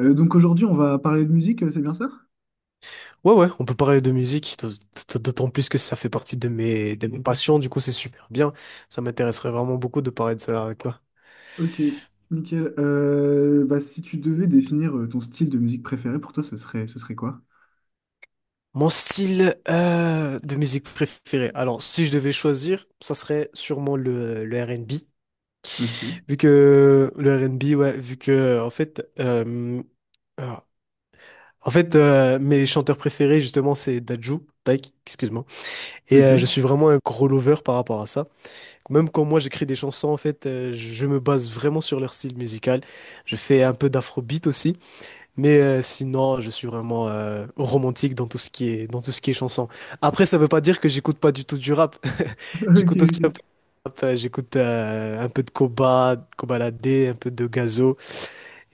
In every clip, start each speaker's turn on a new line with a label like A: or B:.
A: Donc aujourd'hui, on va parler de musique, c'est bien ça?
B: Ouais, ouais, on peut parler de musique, d'autant plus que ça fait partie de mes passions, du coup c'est super bien. Ça m'intéresserait vraiment beaucoup de parler de cela avec toi.
A: Ok, nickel. Bah, si tu devais définir ton style de musique préféré, pour toi, ce serait quoi?
B: Mon style de musique préféré. Alors, si je devais choisir, ça serait sûrement le R&B.
A: Ok,
B: Vu que le R&B, ouais, vu que en fait, ah, en fait, mes chanteurs préférés justement c'est Dadju, Taïk, excuse-moi. Et
A: ok,
B: je suis vraiment un gros lover par rapport à ça. Même quand moi j'écris des chansons, en fait, je me base vraiment sur leur style musical. Je fais un peu d'afrobeat aussi, mais sinon, je suis vraiment romantique dans tout ce qui est dans tout ce qui est chanson. Après, ça veut pas dire que j'écoute pas du tout du rap.
A: ok,
B: J'écoute aussi un peu
A: ok.
B: de rap, j'écoute un peu de Koba, Koba un peu de Gazo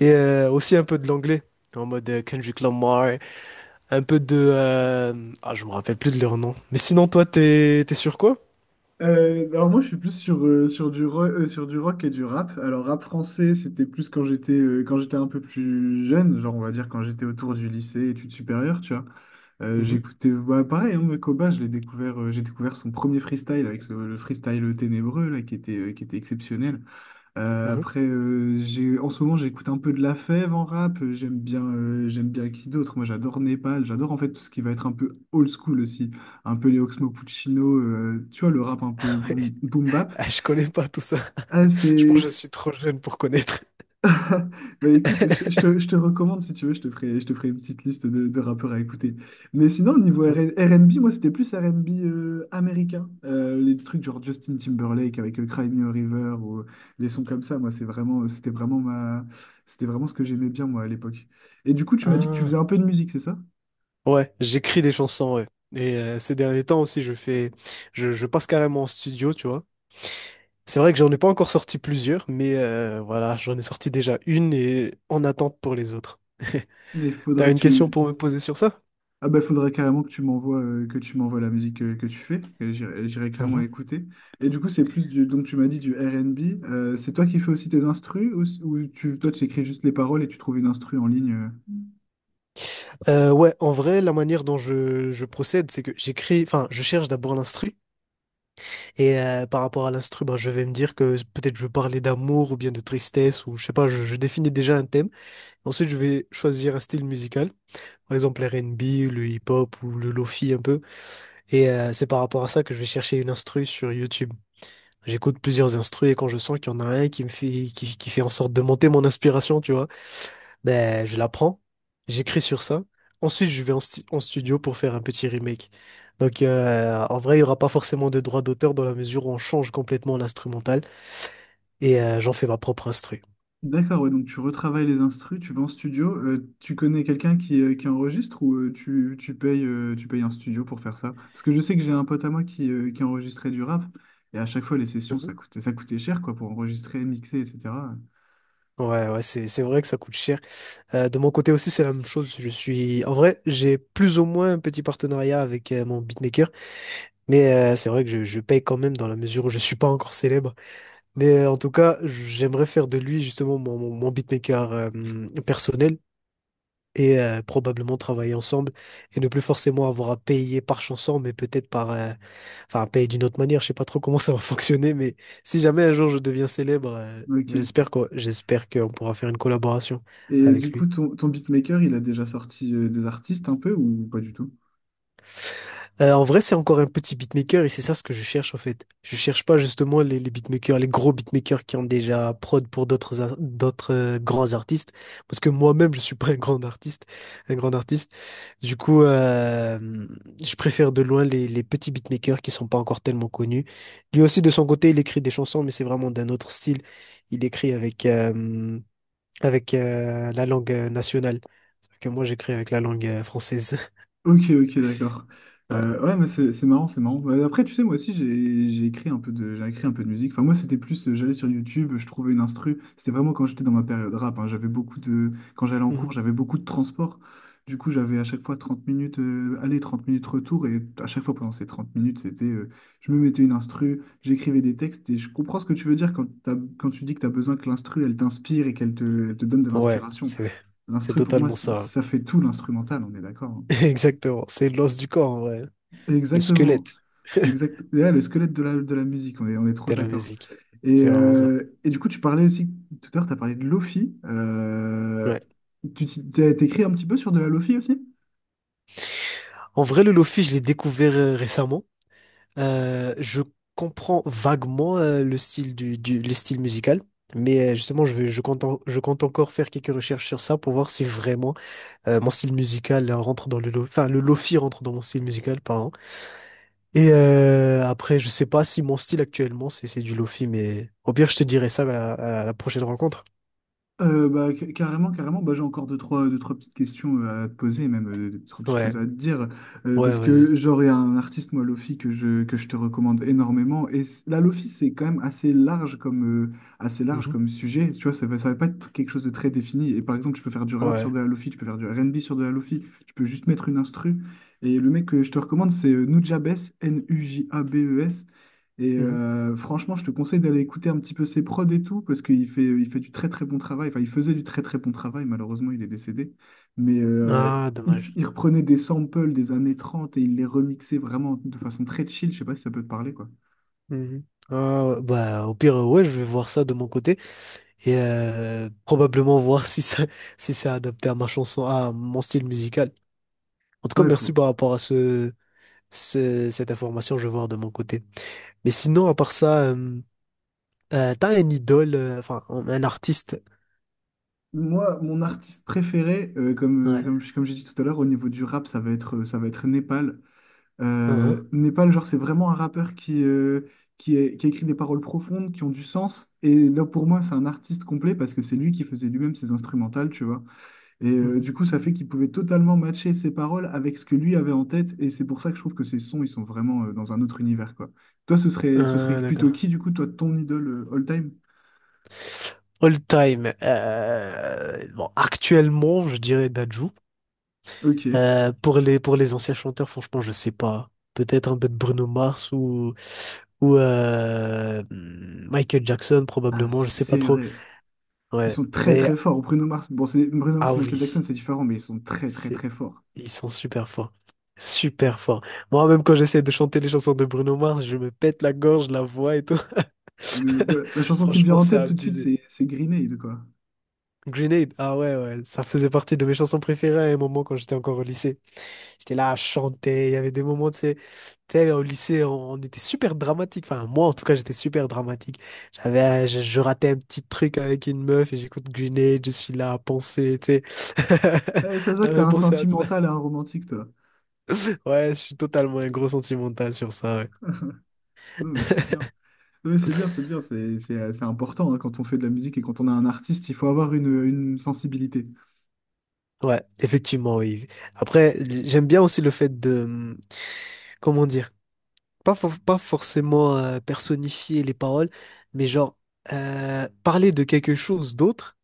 B: et aussi un peu de l'anglais. En mode Kendrick Lamar, un peu de... Ah, je me rappelle plus de leur nom. Mais sinon, toi, t'es sur quoi?
A: Alors moi, je suis plus sur sur du rock et du rap. Alors rap français, c'était plus quand j'étais un peu plus jeune, genre on va dire quand j'étais autour du lycée, études supérieures, tu vois.
B: Mhm,
A: J'écoutais, bah, pareil, hein, mais Koba, j'ai découvert son premier freestyle avec le freestyle ténébreux là, qui était exceptionnel.
B: mhm.
A: Après, en ce moment, j'écoute un peu de La Fève en rap. J'aime bien. Qui d'autre? Moi, j'adore Népal. J'adore en fait tout ce qui va être un peu old school aussi. Un peu les Oxmo Puccino, tu vois, le rap un peu boom, boom bap.
B: Ah, je connais pas tout ça.
A: Ah,
B: Je pense que je suis trop jeune pour connaître.
A: Bah écoute, je te recommande si tu veux, je te ferai une petite liste de rappeurs à écouter. Mais sinon, au niveau N B, moi c'était plus R R&B américain. Les trucs genre Justin Timberlake avec Cry Me a River ou les sons comme ça, moi c'est vraiment, c'était vraiment ma, c'était vraiment ce que j'aimais bien moi à l'époque. Et du coup, tu m'as dit que tu faisais un
B: Ah,
A: peu de musique, c'est ça?
B: ouais, j'écris des chansons, ouais. Et ces derniers temps aussi, je passe carrément en studio, tu vois. C'est vrai que j'en ai pas encore sorti plusieurs, mais voilà, j'en ai sorti déjà une et en attente pour les autres.
A: Mais faudra
B: T'as
A: que
B: une question
A: tu,
B: pour me poser sur ça?
A: Ah bah, faudrait carrément que tu m'envoies la musique que tu fais. Et J'irai clairement
B: Mhm.
A: écouter. Et du coup, c'est plus du donc tu m'as dit du R&B. C'est toi qui fais aussi tes instrus ou, ou tu toi tu écris juste les paroles et tu trouves une instru en ligne.
B: Ouais, en vrai, la manière dont je procède, c'est que j'écris, enfin, je cherche d'abord l'instru, et par rapport à l'instru, ben, je vais me dire que peut-être je veux parler d'amour ou bien de tristesse, ou je sais pas, je définis déjà un thème. Ensuite, je vais choisir un style musical, par exemple l'R and B, le hip-hop ou le lofi un peu. Et c'est par rapport à ça que je vais chercher une instru sur YouTube. J'écoute plusieurs instrus et quand je sens qu'il y en a un qui me qui fait en sorte de monter mon inspiration, tu vois, ben je la prends, j'écris sur ça. Ensuite, je vais en studio pour faire un petit remake. Donc, en vrai, il n'y aura pas forcément de droit d'auteur dans la mesure où on change complètement l'instrumental et j'en fais ma propre instru.
A: D'accord, ouais, donc tu retravailles les instrus, tu vas en studio. Tu connais quelqu'un qui enregistre ou tu payes un studio pour faire ça? Parce que je sais que j'ai un pote à moi qui enregistrait du rap et à chaque fois les sessions
B: Mhm.
A: ça coûtait cher quoi pour enregistrer, mixer, etc.
B: Ouais, c'est vrai que ça coûte cher. De mon côté aussi, c'est la même chose. Je suis, en vrai, j'ai plus ou moins un petit partenariat avec mon beatmaker, mais c'est vrai que je paye quand même dans la mesure où je suis pas encore célèbre. Mais en tout cas, j'aimerais faire de lui justement mon beatmaker personnel et probablement travailler ensemble et ne plus forcément avoir à payer par chanson, mais peut-être par, enfin, payer d'une autre manière, je sais pas trop comment ça va fonctionner, mais si jamais un jour je deviens célèbre,
A: Ok.
B: j'espère qu'on pourra faire une collaboration
A: Et du
B: avec
A: coup,
B: lui.
A: ton beatmaker, il a déjà sorti des artistes un peu ou pas du tout?
B: En vrai, c'est encore un petit beatmaker et c'est ça ce que je cherche en fait. Je cherche pas justement les beatmakers, les gros beatmakers qui ont déjà prod pour d'autres grands artistes, parce que moi-même je suis pas un grand artiste. Du coup, je préfère de loin les petits beatmakers qui sont pas encore tellement connus. Lui aussi de son côté, il écrit des chansons, mais c'est vraiment d'un autre style. Il écrit avec la langue nationale, sauf que moi j'écris avec la langue française.
A: Ok, ok, d'accord. Ouais, mais c'est marrant, c'est marrant. Bah, après, tu sais, moi aussi, j'ai écrit un peu de musique. Enfin, moi, j'allais sur YouTube, je trouvais une instru. C'était vraiment quand j'étais dans ma période rap, hein. Quand j'allais en cours,
B: Ouais.
A: j'avais beaucoup de transport. Du coup, j'avais à chaque fois 30 minutes aller, 30 minutes retour. Et à chaque fois, pendant ces 30 minutes, je me mettais une instru, j'écrivais des textes. Et je comprends ce que tu veux dire quand, quand tu dis que tu as besoin que l'instru, elle t'inspire et qu'elle te donne de
B: Ouais,
A: l'inspiration.
B: c'est
A: L'instru, pour moi,
B: totalement ça, hein.
A: ça fait tout l'instrumental, on est d'accord, hein.
B: Exactement. C'est l'os du corps, en vrai. Le
A: Exactement.
B: squelette
A: Exact. Et là, le squelette de la musique, on est trop
B: de la
A: d'accord.
B: musique.
A: Et,
B: C'est vraiment ça.
A: euh, et du coup, tout à l'heure, tu as parlé de Lofi.
B: Ouais.
A: Tu t'es- t'as T'écris un petit peu sur de la Lofi aussi?
B: En vrai, le lofi, je l'ai découvert récemment. Je comprends vaguement le style le style musical. Mais justement, je compte, je compte encore faire quelques recherches sur ça pour voir si vraiment mon style musical rentre dans le lo- enfin, le lofi rentre dans mon style musical, pardon. Et après, je sais pas si mon style actuellement, c'est du lofi, mais au pire, je te dirai ça à la prochaine rencontre.
A: Bah, carrément, carrément. Bah, j'ai encore deux, trois petites questions à te poser, même deux, trois petites choses
B: Ouais,
A: à te dire.
B: ouais,
A: Parce
B: vas-y.
A: que, genre, il y a un artiste, moi, Lofi, que je te recommande énormément. Et la Lofi, c'est quand même assez large
B: Mhm.
A: comme sujet. Tu vois, ça va pas être quelque chose de très défini. Et par exemple, tu peux faire du rap sur
B: Ouais.
A: de la Lofi, tu peux faire du R&B sur de la Lofi, tu peux juste mettre une instru. Et le mec que je te recommande, c'est Nujabes, Nujabes.
B: Mhm.
A: Franchement, je te conseille d'aller écouter un petit peu ses prods et tout, parce qu'il fait du très très bon travail. Enfin, il faisait du très très bon travail, malheureusement, il est décédé. Mais euh,
B: Ah,
A: il,
B: dommage.
A: il reprenait des samples des années 30 et il les remixait vraiment de façon très chill. Je sais pas si ça peut te parler, quoi.
B: Mhm. Ah, ouais, bah, au pire, ouais, je vais voir ça de mon côté et probablement voir si ça, si c'est adapté à ma chanson, à mon style musical. En tout cas,
A: Ouais,
B: merci
A: faut...
B: par rapport à cette information, je vais voir de mon côté. Mais sinon, à part ça, t'as un idole, enfin, un artiste.
A: Moi, mon artiste préféré,
B: Ouais.
A: comme j'ai dit tout à l'heure, au niveau du rap, ça va être Népal. Népal, genre, c'est vraiment un rappeur qui a écrit des paroles profondes, qui ont du sens. Et là, pour moi, c'est un artiste complet parce que c'est lui qui faisait lui-même ses instrumentales, tu vois.
B: Mhm.
A: Du coup, ça fait qu'il pouvait totalement matcher ses paroles avec ce que lui avait en tête. Et c'est pour ça que je trouve que ses sons, ils sont vraiment dans un autre univers, quoi. Toi, ce serait plutôt
B: D'accord.
A: qui, du coup, toi, ton idole all time?
B: All time. Bon, actuellement, je dirais Dadju.
A: Ok.
B: Pour les anciens chanteurs, franchement, je sais pas. Peut-être un peu de Bruno Mars ou Michael Jackson
A: Ah,
B: probablement. Je sais pas
A: c'est
B: trop.
A: vrai. Ils
B: Ouais.
A: sont très,
B: Mais
A: très forts. Bruno Mars, bon, c'est Bruno
B: ah
A: Mars et Michael Jackson,
B: oui,
A: c'est différent, mais ils sont très, très,
B: c'est
A: très forts.
B: Ils sont super forts, super forts. Moi, même quand j'essaie de chanter les chansons de Bruno Mars, je me pète la gorge, la voix et tout.
A: Ah, mais voilà, la chanson qui me vient
B: Franchement,
A: en
B: c'est
A: tête tout de suite,
B: abusé.
A: c'est Green Aid, quoi.
B: Grenade, ah ouais, ouais, ça faisait partie de mes chansons préférées à un moment quand j'étais encore au lycée. J'étais là à chanter, il y avait des moments, tu sais, au lycée, on était super dramatique. Enfin, moi, en tout cas, j'étais super dramatique. Je ratais un petit truc avec une meuf et j'écoute Grenade, je suis là à penser, tu sais.
A: Eh, ça se voit que t'as
B: J'avais
A: un
B: pensé à ça.
A: sentimental et un romantique, toi.
B: Ouais, je suis totalement un gros sentimental sur ça, ouais.
A: Non, mais c'est bien. Non, mais c'est bien, c'est bien. C'est important hein, quand on fait de la musique et quand on a un artiste, il faut avoir une sensibilité.
B: Ouais, effectivement, oui. Après, j'aime bien aussi le fait de, comment dire, pas forcément personnifier les paroles, mais genre parler de quelque chose d'autre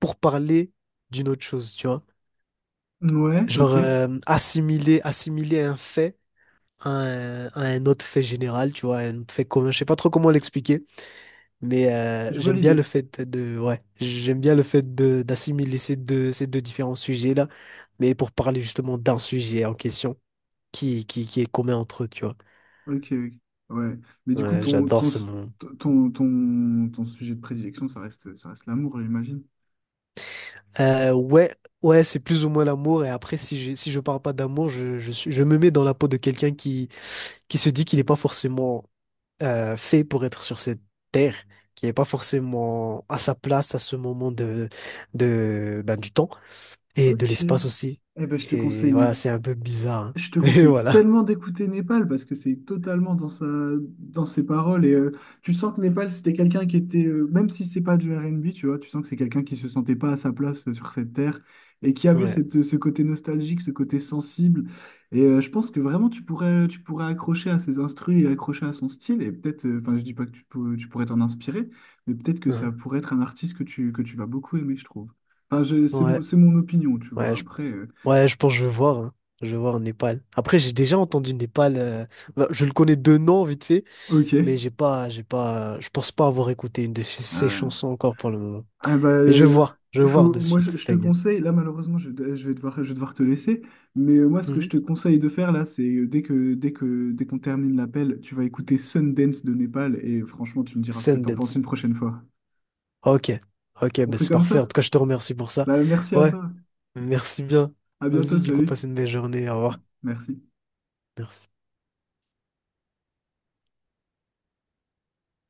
B: pour parler d'une autre chose, tu vois.
A: Ouais,
B: Genre
A: ok.
B: assimiler un fait à un autre fait général, tu vois, un autre fait commun. Je sais pas trop comment l'expliquer, mais
A: Je vois l'idée.
B: j'aime bien le fait de ces deux différents sujets-là, mais pour parler justement d'un sujet en question qui est commun entre eux, tu vois.
A: Ok, ok. Ouais. Mais du coup,
B: Ouais,
A: ton,
B: j'adore
A: ton,
B: ce moment.
A: ton, ton, ton sujet de prédilection, ça reste l'amour, j'imagine.
B: Euh, ouais, ouais, c'est plus ou moins l'amour. Et après, si je parle pas d'amour, je me mets dans la peau de quelqu'un qui se dit qu'il n'est pas forcément fait pour être sur cette terre, qui n'est pas forcément à sa place à ce moment ben, du temps et de
A: Ok.
B: l'espace aussi.
A: Ben, je te
B: Et
A: conseille, mais
B: voilà, c'est un peu bizarre, hein.
A: Je te
B: Mais
A: conseille
B: voilà.
A: tellement d'écouter Népal parce que c'est totalement dans ses paroles et tu sens que Népal c'était quelqu'un qui était même si c'est pas du R&B, tu vois, tu sens que c'est quelqu'un qui se sentait pas à sa place sur cette terre et qui avait
B: Ouais.
A: ce côté nostalgique, ce côté sensible et je pense que vraiment tu pourrais accrocher à ses instrus et accrocher à son style et peut-être enfin je dis pas que tu, pour- tu pourrais t'en inspirer, mais peut-être que ça
B: Hein.
A: pourrait être un artiste que tu vas beaucoup aimer, je trouve, c'est mon,
B: Ouais.
A: c'est mon opinion, tu vois,
B: Ouais, je,
A: après
B: ouais, je pense que je vais voir, hein. Je vais voir en Népal. Après, j'ai déjà entendu Népal. Ben, je le connais de nom, vite fait.
A: ok.
B: Mais j'ai pas, je pense pas avoir écouté une de ses
A: Euh,
B: chansons encore pour le moment.
A: Ah bah,
B: Mais
A: euh,
B: je vais
A: il
B: voir
A: faut,
B: de suite,
A: je te
B: t'inquiète.
A: conseille, là malheureusement je vais devoir te laisser, mais moi ce que je
B: Mhm.
A: te conseille de faire là, c'est dès qu'on termine l'appel, tu vas écouter Sundance de Népal et franchement tu me diras ce que t'en penses
B: Sundance.
A: une prochaine fois.
B: Ok, ok,
A: On
B: ben
A: fait
B: c'est
A: comme
B: parfait. En
A: ça?
B: tout cas, je te remercie pour ça.
A: Bah merci à
B: Ouais,
A: toi,
B: merci bien.
A: à bientôt,
B: Vas-y, du coup, passe
A: salut,
B: une belle journée. Au revoir.
A: merci.
B: Merci.